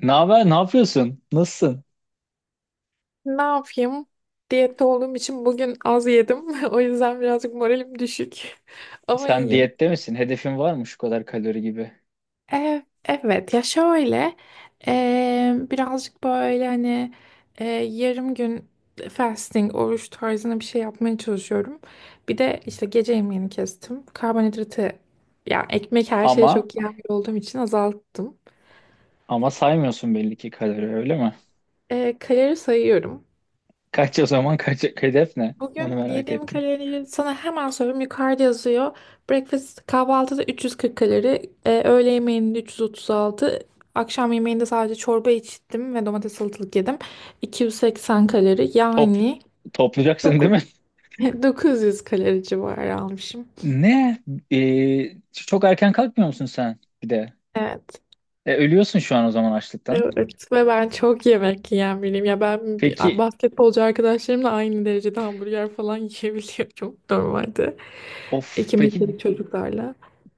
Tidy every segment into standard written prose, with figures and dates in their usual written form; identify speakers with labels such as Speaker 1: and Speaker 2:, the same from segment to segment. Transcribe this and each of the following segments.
Speaker 1: Ne haber? Ne yapıyorsun? Nasılsın?
Speaker 2: Ne yapayım? Diyette olduğum için bugün az yedim. O yüzden birazcık moralim düşük. Ama
Speaker 1: Sen
Speaker 2: iyiyim.
Speaker 1: diyette misin? Hedefin var mı şu kadar kalori gibi?
Speaker 2: Evet ya şöyle, birazcık böyle hani yarım gün fasting, oruç tarzına bir şey yapmaya çalışıyorum. Bir de işte gece yemeğini kestim. Karbonhidratı, yani ekmek her şeye
Speaker 1: Ama
Speaker 2: çok iyi olduğum için azalttım.
Speaker 1: ama saymıyorsun belli ki kalori öyle mi?
Speaker 2: Kalori sayıyorum.
Speaker 1: Kaç o zaman, hedef ne? Onu
Speaker 2: Bugün
Speaker 1: merak
Speaker 2: yediğim
Speaker 1: ettim.
Speaker 2: kaloriyi sana hemen söyleyeyim. Yukarıda yazıyor. Breakfast kahvaltıda 340 kalori. Öğle yemeğinde 336. Akşam yemeğinde sadece çorba içtim ve domates salatalık yedim. 280 kalori.
Speaker 1: Top,
Speaker 2: Yani
Speaker 1: Toplayacaksın değil
Speaker 2: doku-
Speaker 1: mi?
Speaker 2: 900 kalori civarı almışım.
Speaker 1: Ne? Çok erken kalkmıyor musun sen bir de?
Speaker 2: Evet.
Speaker 1: Ölüyorsun şu an o zaman açlıktan.
Speaker 2: Evet ve ben çok yemek yiyen biriyim. Ya ben
Speaker 1: Peki,
Speaker 2: basketbolcu arkadaşlarımla aynı derecede hamburger falan yiyebiliyorum normalde.
Speaker 1: of,
Speaker 2: İki
Speaker 1: peki
Speaker 2: metrelik çocuklarla.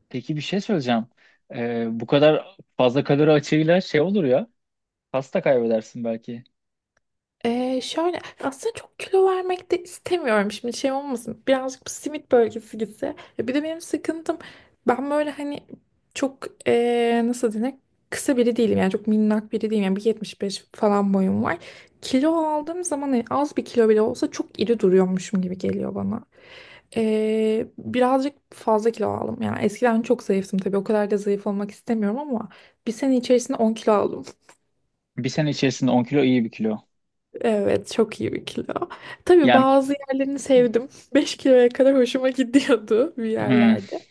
Speaker 1: peki bir şey söyleyeceğim. Bu kadar fazla kalori açığıyla şey olur ya. Pasta kaybedersin belki.
Speaker 2: Şöyle aslında çok kilo vermek de istemiyorum şimdi, şey olmasın, birazcık bu simit bölgesi gitse. Ya bir de benim sıkıntım, ben böyle hani çok nasıl denir, kısa biri değilim yani, çok minnak biri değilim yani, 1,75 falan boyum var. Kilo aldığım zaman hani az bir kilo bile olsa çok iri duruyormuşum gibi geliyor bana. Birazcık fazla kilo aldım yani, eskiden çok zayıftım tabii, o kadar da zayıf olmak istemiyorum ama bir sene içerisinde 10 kilo aldım.
Speaker 1: Bir sene içerisinde 10 kilo iyi bir kilo.
Speaker 2: Evet, çok iyi bir kilo. Tabii
Speaker 1: Yani,
Speaker 2: bazı yerlerini sevdim. 5 kiloya kadar hoşuma gidiyordu bir
Speaker 1: hmm.
Speaker 2: yerlerde.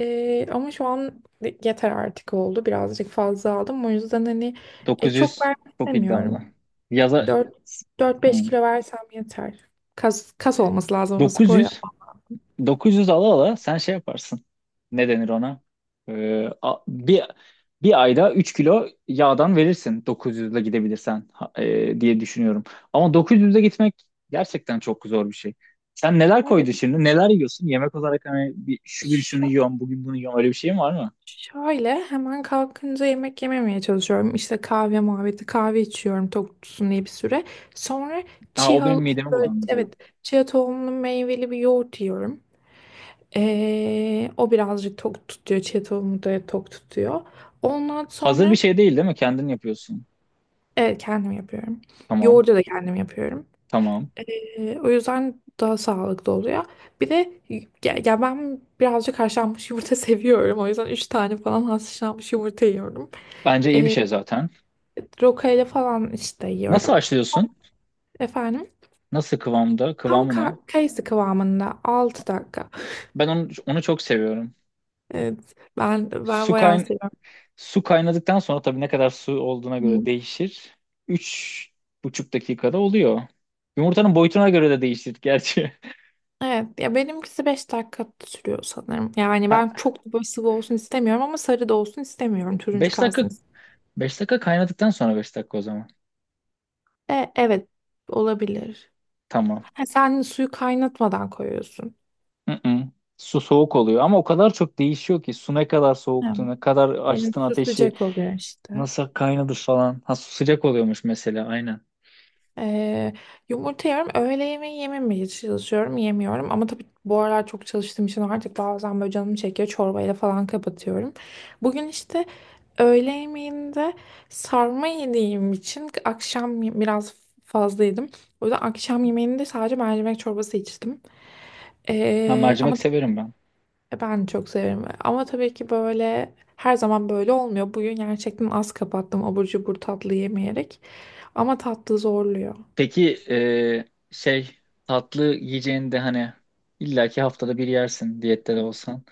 Speaker 2: Ama şu an yeter, artık oldu. Birazcık fazla aldım. O yüzden hani çok
Speaker 1: 900
Speaker 2: vermek
Speaker 1: çok iddialı.
Speaker 2: istemiyorum.
Speaker 1: Yaza
Speaker 2: Dört Dört
Speaker 1: Hı.
Speaker 2: beş kilo versem yeter. Kas olması lazım ama, spor
Speaker 1: 900
Speaker 2: yapmak.
Speaker 1: 900 ala ala sen şey yaparsın. Ne denir ona? Ee, a- bir bir ayda 3 kilo yağdan verirsin 900 ile gidebilirsen diye düşünüyorum. Ama 900 ile gitmek gerçekten çok zor bir şey. Sen neler
Speaker 2: Evet.
Speaker 1: koydun şimdi? Neler yiyorsun? Yemek olarak hani bir, şu gün şunu
Speaker 2: Şu,
Speaker 1: yiyorum, bugün bunu yiyorum. Öyle bir şeyin var mı?
Speaker 2: Şöyle, hemen kalkınca yemek yememeye çalışıyorum. İşte kahve muhabbeti, kahve içiyorum tok tutsun diye bir süre. Sonra
Speaker 1: Ha, o benim
Speaker 2: chia,
Speaker 1: midemi bulandırıyor.
Speaker 2: evet, chia tohumlu meyveli bir yoğurt yiyorum. O birazcık tok tutuyor. Chia tohumu da tok tutuyor. Ondan
Speaker 1: Hazır bir
Speaker 2: sonra
Speaker 1: şey değil, değil mi? Kendin yapıyorsun.
Speaker 2: evet, kendim yapıyorum.
Speaker 1: Tamam,
Speaker 2: Yoğurdu da kendim yapıyorum.
Speaker 1: tamam.
Speaker 2: O yüzden daha sağlıklı oluyor. Bir de ya ben birazcık haşlanmış yumurta seviyorum. O yüzden 3 tane falan haşlanmış yumurta yiyorum.
Speaker 1: Bence iyi bir
Speaker 2: Ee,
Speaker 1: şey zaten.
Speaker 2: Rokayla falan işte
Speaker 1: Nasıl
Speaker 2: yiyorum.
Speaker 1: haşlıyorsun?
Speaker 2: Efendim,
Speaker 1: Nasıl kıvamda?
Speaker 2: tam
Speaker 1: Kıvamı ne?
Speaker 2: kayısı kıvamında, 6 dakika.
Speaker 1: Ben onu çok seviyorum.
Speaker 2: Evet ben
Speaker 1: Su
Speaker 2: bayağı
Speaker 1: kayn
Speaker 2: seviyorum.
Speaker 1: Su kaynadıktan sonra tabii ne kadar su olduğuna göre
Speaker 2: Hı.
Speaker 1: değişir. 3,5 dakikada oluyor. Yumurtanın boyutuna göre de değişir gerçi.
Speaker 2: Evet ya, benimkisi 5 dakika sürüyor sanırım. Yani
Speaker 1: Ha,
Speaker 2: ben çok da böyle sıvı olsun istemiyorum ama sarı da olsun istemiyorum. Turuncu
Speaker 1: beş dakika
Speaker 2: kalsın istiyorum.
Speaker 1: beş dakika kaynadıktan sonra 5 dakika o zaman.
Speaker 2: Evet, olabilir.
Speaker 1: Tamam.
Speaker 2: Ha, sen suyu kaynatmadan koyuyorsun.
Speaker 1: Mm-mm. Su soğuk oluyor ama o kadar çok değişiyor ki su ne kadar
Speaker 2: Hı.
Speaker 1: soğuktu, ne kadar
Speaker 2: Benim
Speaker 1: açtın
Speaker 2: su
Speaker 1: ateşi,
Speaker 2: sıcak oluyor işte.
Speaker 1: nasıl kaynadı falan. Ha, su sıcak oluyormuş mesela, aynen.
Speaker 2: Ee, Yumurta yiyorum. Öğle yemeği yememeye çalışıyorum. Yemiyorum. Ama tabii bu aralar çok çalıştığım için artık bazen böyle canım çekiyor. Çorbayla falan kapatıyorum. Bugün işte öğle yemeğinde sarma yediğim için akşam biraz fazla yedim. O yüzden akşam yemeğinde sadece mercimek çorbası içtim.
Speaker 1: Ha,
Speaker 2: Ee, ama
Speaker 1: mercimek
Speaker 2: t-
Speaker 1: severim ben.
Speaker 2: e, ben çok severim. Ama tabii ki böyle her zaman böyle olmuyor. Bugün gerçekten az kapattım, abur cubur tatlı yemeyerek. Ama tatlı zorluyor.
Speaker 1: Peki, şey, tatlı yiyeceğini de hani illaki haftada bir yersin diyette de olsan.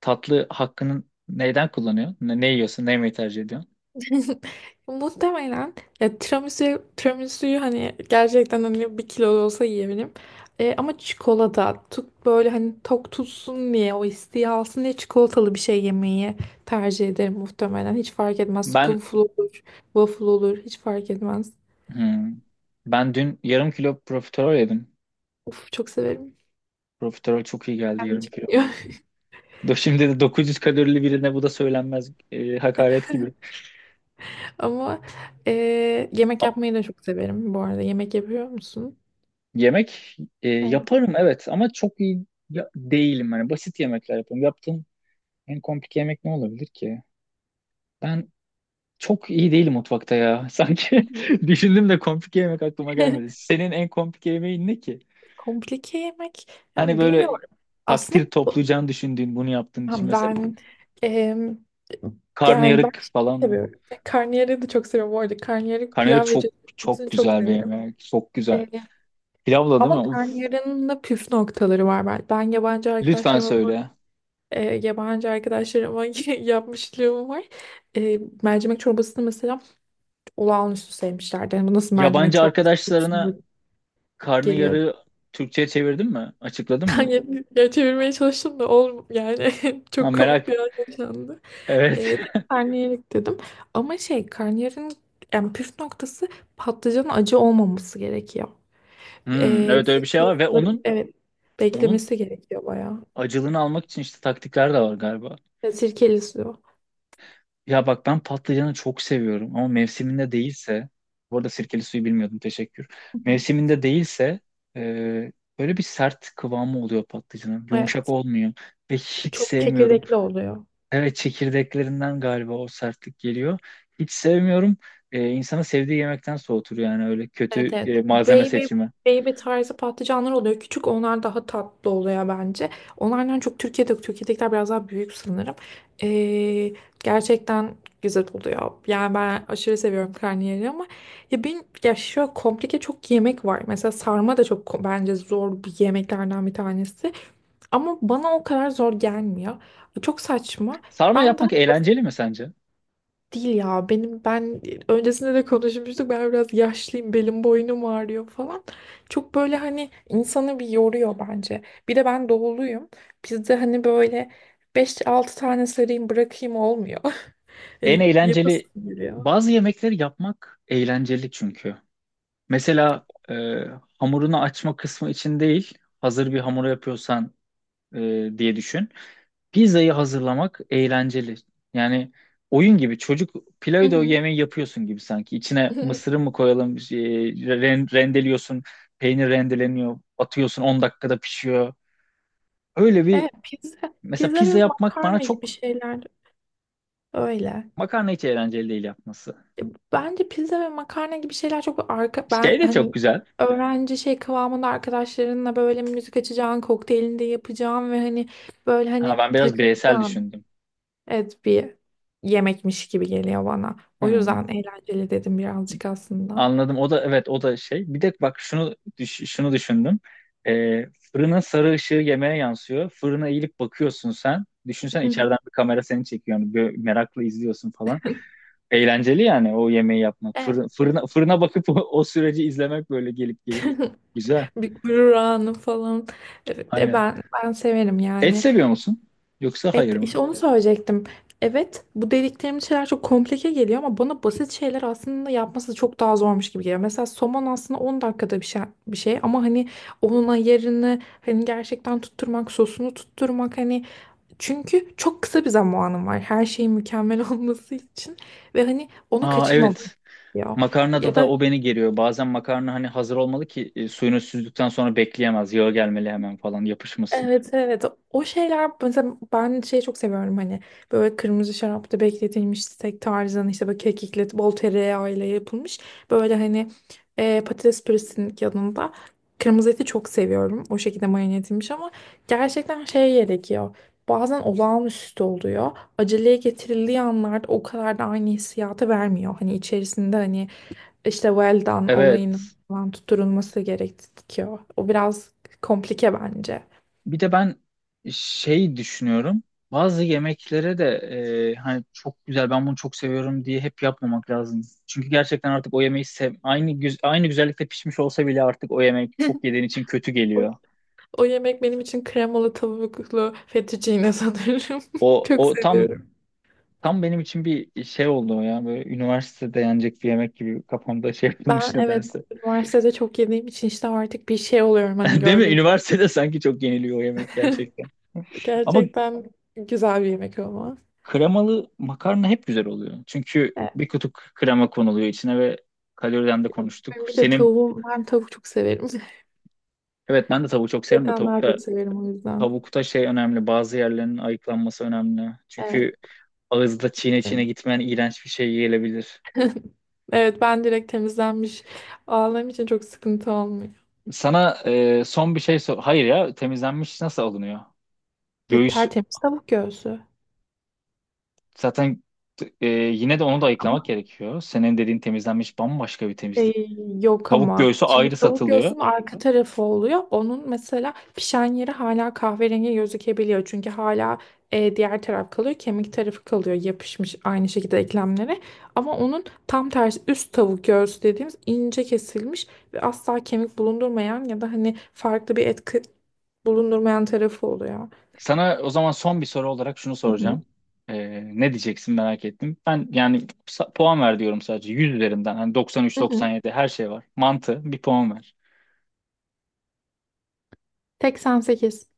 Speaker 1: Tatlı hakkını neyden kullanıyorsun? Ne yiyorsun? Ne yemeyi tercih ediyorsun?
Speaker 2: Muhtemelen, ya, tiramisu'yu hani gerçekten, hani bir kilo da olsa yiyebilirim. Ama çikolata, tuk böyle hani tok tutsun diye, o isteği alsın diye çikolatalı bir şey yemeyi tercih ederim muhtemelen. Hiç fark etmez.
Speaker 1: Ben
Speaker 2: Spoonful olur, waffle olur, hiç fark etmez.
Speaker 1: hmm, ben dün yarım kilo profiterol yedim.
Speaker 2: Uf, çok severim.
Speaker 1: Profiterol çok iyi geldi
Speaker 2: Kendim
Speaker 1: yarım kilo.
Speaker 2: çekmiyor.
Speaker 1: Şimdi de 900 kalorili birine bu da söylenmez, hakaret gibi.
Speaker 2: Ama e, yemek
Speaker 1: A-
Speaker 2: yapmayı da çok severim bu arada. Yemek yapıyor musun?
Speaker 1: Yemek
Speaker 2: Evet.
Speaker 1: yaparım evet ama çok iyi değilim. Hani basit yemekler yapıyorum. Yaptığım en komplike yemek ne olabilir ki? Ben Çok iyi değil mutfakta ya. Sanki düşündüm de komplike yemek aklıma gelmedi. Senin en komplike yemeğin ne ki?
Speaker 2: Komplike yemek.
Speaker 1: Hani
Speaker 2: Yani
Speaker 1: böyle
Speaker 2: bilmiyorum.
Speaker 1: takdir
Speaker 2: Aslında.
Speaker 1: toplayacağını düşündüğün bunu yaptığın
Speaker 2: Ha,
Speaker 1: için mesela
Speaker 2: ben, em, yani ben,
Speaker 1: karnıyarık
Speaker 2: şey
Speaker 1: falan mı?
Speaker 2: seviyorum. Karnıyarığı da çok seviyorum bu arada. Karnıyarık,
Speaker 1: Karnıyarık
Speaker 2: pilav ve
Speaker 1: çok çok
Speaker 2: cevizini çok
Speaker 1: güzel bir
Speaker 2: severim.
Speaker 1: yemek. Çok güzel.
Speaker 2: E,
Speaker 1: Pilavla değil mi?
Speaker 2: Ama
Speaker 1: Uf,
Speaker 2: karnıyarığın da püf noktaları var. Ben yabancı
Speaker 1: lütfen
Speaker 2: arkadaşlarıma
Speaker 1: söyle.
Speaker 2: yabancı arkadaşlarıma yapmışlığım var. Mercimek çorbasını mesela olağanüstü sevmişlerdi. Yani bu nasıl mercimek
Speaker 1: Yabancı
Speaker 2: çorbası, kokusunda
Speaker 1: arkadaşlarına
Speaker 2: geliyordu.
Speaker 1: karnıyarığı Türkçe'ye çevirdin mi? Açıkladın mı?
Speaker 2: Yani, ya, çevirmeye çalıştım da olm yani,
Speaker 1: Ha,
Speaker 2: çok komik
Speaker 1: merak.
Speaker 2: bir an yaşandı. E,
Speaker 1: Evet.
Speaker 2: Karnıyarık dedim. Ama şey, karnıyarın yani püf noktası, patlıcanın acı olmaması gerekiyor.
Speaker 1: Hmm, evet öyle bir şey
Speaker 2: Sirkeli
Speaker 1: var ve
Speaker 2: suları,
Speaker 1: onun
Speaker 2: evet,
Speaker 1: onun
Speaker 2: beklemesi gerekiyor bayağı.
Speaker 1: acılığını almak için işte taktikler de var galiba.
Speaker 2: Sirkeli suyu.
Speaker 1: Ya bak, ben patlıcanı çok seviyorum ama mevsiminde değilse, bu arada sirkeli suyu bilmiyordum, teşekkür. Mevsiminde değilse e, böyle bir sert kıvamı oluyor patlıcanın. Yumuşak
Speaker 2: Evet,
Speaker 1: olmuyor ve hiç
Speaker 2: çok
Speaker 1: sevmiyorum.
Speaker 2: çekirdekli oluyor.
Speaker 1: Evet, çekirdeklerinden galiba o sertlik geliyor. Hiç sevmiyorum. İnsanı sevdiği yemekten soğutur yani, öyle
Speaker 2: Evet,
Speaker 1: kötü
Speaker 2: evet. Bu
Speaker 1: malzeme
Speaker 2: Baby,
Speaker 1: seçimi.
Speaker 2: baby tarzı patlıcanlar oluyor. Küçük onlar, daha tatlı oluyor bence. Onlardan çok Türkiye'de yok. Türkiye'dekiler biraz daha büyük sanırım. Ee, Gerçekten güzel oluyor. Yani ben aşırı seviyorum karnıyarığı ama, ya ben ya şöyle, komplike çok yemek var. Mesela sarma da çok bence zor bir yemeklerden bir tanesi. Ama bana o kadar zor gelmiyor. Çok saçma.
Speaker 1: Sarma
Speaker 2: Ben daha
Speaker 1: yapmak eğlenceli mi sence?
Speaker 2: Değil ya, benim ben öncesinde de konuşmuştuk, ben biraz yaşlıyım, belim boynum ağrıyor falan. Çok böyle hani insanı bir yoruyor bence. Bir de ben doğuluyum. Bizde hani böyle beş altı tane sarayım bırakayım olmuyor.
Speaker 1: En
Speaker 2: Hani yapası
Speaker 1: eğlenceli
Speaker 2: geliyor.
Speaker 1: Bazı yemekleri yapmak eğlenceli çünkü. Mesela, hamurunu açma kısmı için değil, hazır bir hamur yapıyorsan diye düşün. Pizzayı hazırlamak eğlenceli. Yani oyun gibi, çocuk
Speaker 2: Hı
Speaker 1: Play-Doh
Speaker 2: hı.
Speaker 1: yemeği yapıyorsun gibi sanki. İçine mısırı mı koyalım, şey, rendeliyorsun, peynir rendeleniyor, atıyorsun. 10 dakikada pişiyor. Öyle bir,
Speaker 2: Evet, pizza,
Speaker 1: mesela
Speaker 2: pizza ve
Speaker 1: pizza yapmak bana
Speaker 2: makarna gibi
Speaker 1: çok,
Speaker 2: şeyler öyle.
Speaker 1: makarna hiç eğlenceli değil yapması.
Speaker 2: Bence pizza ve makarna gibi şeyler çok, arka ben
Speaker 1: Şey de çok
Speaker 2: hani
Speaker 1: güzel.
Speaker 2: öğrenci şey kıvamında, arkadaşlarınla böyle müzik açacağın, kokteylini de yapacağın ve hani böyle
Speaker 1: Ha,
Speaker 2: hani
Speaker 1: ben biraz bireysel
Speaker 2: takılacağın
Speaker 1: düşündüm.
Speaker 2: et bir yemekmiş gibi geliyor bana. O
Speaker 1: Hmm.
Speaker 2: yüzden eğlenceli dedim birazcık aslında.
Speaker 1: Anladım. O da evet, o da şey. Bir de bak, şunu düşündüm. Ee, Fırının sarı ışığı yemeğe yansıyor. Fırına eğilip bakıyorsun sen. Düşünsen
Speaker 2: Hı hı.
Speaker 1: içeriden bir kamera seni çekiyor. Yani böyle merakla izliyorsun falan. Eğlenceli yani o yemeği yapmak.
Speaker 2: Evet.
Speaker 1: Fırına bakıp o süreci izlemek böyle gelip gelip. Güzel.
Speaker 2: Bir gurur anı falan. Evet. E,
Speaker 1: Aynen.
Speaker 2: ben ben severim
Speaker 1: Et
Speaker 2: yani.
Speaker 1: seviyor musun? Yoksa
Speaker 2: Evet,
Speaker 1: hayır mı?
Speaker 2: işte onu söyleyecektim. Evet, bu dediklerimiz şeyler çok komplike geliyor ama bana basit şeyler aslında yapması çok daha zormuş gibi geliyor. Mesela somon aslında 10 dakikada bir şey, bir şey ama hani onun ayarını, hani gerçekten tutturmak, sosunu tutturmak, hani çünkü çok kısa bir zamanım var her şeyin mükemmel olması için, ve hani onu
Speaker 1: Aa,
Speaker 2: kaçırmamak
Speaker 1: evet.
Speaker 2: gerekiyor.
Speaker 1: Makarnada
Speaker 2: Ya
Speaker 1: da
Speaker 2: da,
Speaker 1: o beni geriyor. Bazen makarna hani hazır olmalı ki, suyunu süzdükten sonra bekleyemez. Yağı gelmeli hemen falan yapışmasın.
Speaker 2: evet, evet, o şeyler mesela, ben şeyi çok seviyorum, hani böyle kırmızı şarapta bekletilmiş steak tarzında, işte böyle kekikle bol tereyağıyla yapılmış, böyle hani patates püresinin yanında kırmızı eti çok seviyorum, o şekilde marine edilmiş, ama gerçekten şey gerekiyor, bazen olağanüstü oluyor, aceleye getirildiği anlarda o kadar da aynı hissiyatı vermiyor, hani içerisinde, hani işte well done olayının
Speaker 1: Evet.
Speaker 2: falan tutturulması gerekiyor, o biraz komplike bence.
Speaker 1: Bir de ben şey düşünüyorum. Bazı yemeklere de hani çok güzel ben bunu çok seviyorum diye hep yapmamak lazım. Çünkü gerçekten artık o yemeği aynı güzellikte pişmiş olsa bile artık o yemek çok yediğin için kötü
Speaker 2: O,
Speaker 1: geliyor.
Speaker 2: o yemek benim için kremalı tavuklu fettuccine sanırım.
Speaker 1: O
Speaker 2: Çok
Speaker 1: o tam
Speaker 2: seviyorum.
Speaker 1: tam benim için bir şey oldu o ya, böyle üniversitede yenecek bir yemek gibi kafamda şey yapılmış
Speaker 2: Ben, evet,
Speaker 1: nedense.
Speaker 2: üniversitede çok yediğim için işte artık bir şey oluyorum hani
Speaker 1: Değil mi?
Speaker 2: gördüğüm
Speaker 1: Üniversitede sanki çok yeniliyor o yemek
Speaker 2: zaman.
Speaker 1: gerçekten. Ama
Speaker 2: Gerçekten güzel bir yemek ama.
Speaker 1: kremalı makarna hep güzel oluyor. Çünkü
Speaker 2: Evet,
Speaker 1: bir kutu krema konuluyor içine ve kaloriden de
Speaker 2: ya
Speaker 1: konuştuk.
Speaker 2: benim bir de tavuğum, ben tavuk çok severim.
Speaker 1: Evet ben de tavuğu çok severim de,
Speaker 2: Etten daha
Speaker 1: tavukta
Speaker 2: çok severim o yüzden.
Speaker 1: tavukta şey önemli. Bazı yerlerin ayıklanması önemli.
Speaker 2: Evet.
Speaker 1: Çünkü ağızda çiğne çiğne gitmeyen iğrenç bir şey gelebilir.
Speaker 2: Evet, ben direkt temizlenmiş aldığım için çok sıkıntı olmuyor.
Speaker 1: Sana, son bir şey sor. Hayır ya, temizlenmiş nasıl alınıyor?
Speaker 2: Ya,
Speaker 1: Göğüs
Speaker 2: tertemiz tavuk göğsü.
Speaker 1: zaten, yine de onu da ayıklamak gerekiyor. Senin dediğin temizlenmiş bambaşka bir
Speaker 2: Ee,
Speaker 1: temizlik.
Speaker 2: Yok
Speaker 1: Tavuk
Speaker 2: ama
Speaker 1: göğsü
Speaker 2: şimdi
Speaker 1: ayrı
Speaker 2: tavuk
Speaker 1: satılıyor.
Speaker 2: göğsünün arka tarafı oluyor. Onun mesela pişen yeri hala kahverengi gözükebiliyor. Çünkü hala diğer taraf kalıyor. Kemik tarafı kalıyor, yapışmış aynı şekilde eklemlere. Ama onun tam tersi üst tavuk göğsü dediğimiz ince kesilmiş ve asla kemik bulundurmayan ya da hani farklı bir etki bulundurmayan tarafı oluyor.
Speaker 1: Sana o zaman son bir soru olarak şunu
Speaker 2: Hı hı.
Speaker 1: soracağım. Ne diyeceksin merak ettim. Ben yani puan ver diyorum sadece 100 üzerinden. Hani
Speaker 2: Hı hı.
Speaker 1: 93-97 her şey var. Mantı bir puan ver.
Speaker 2: 88.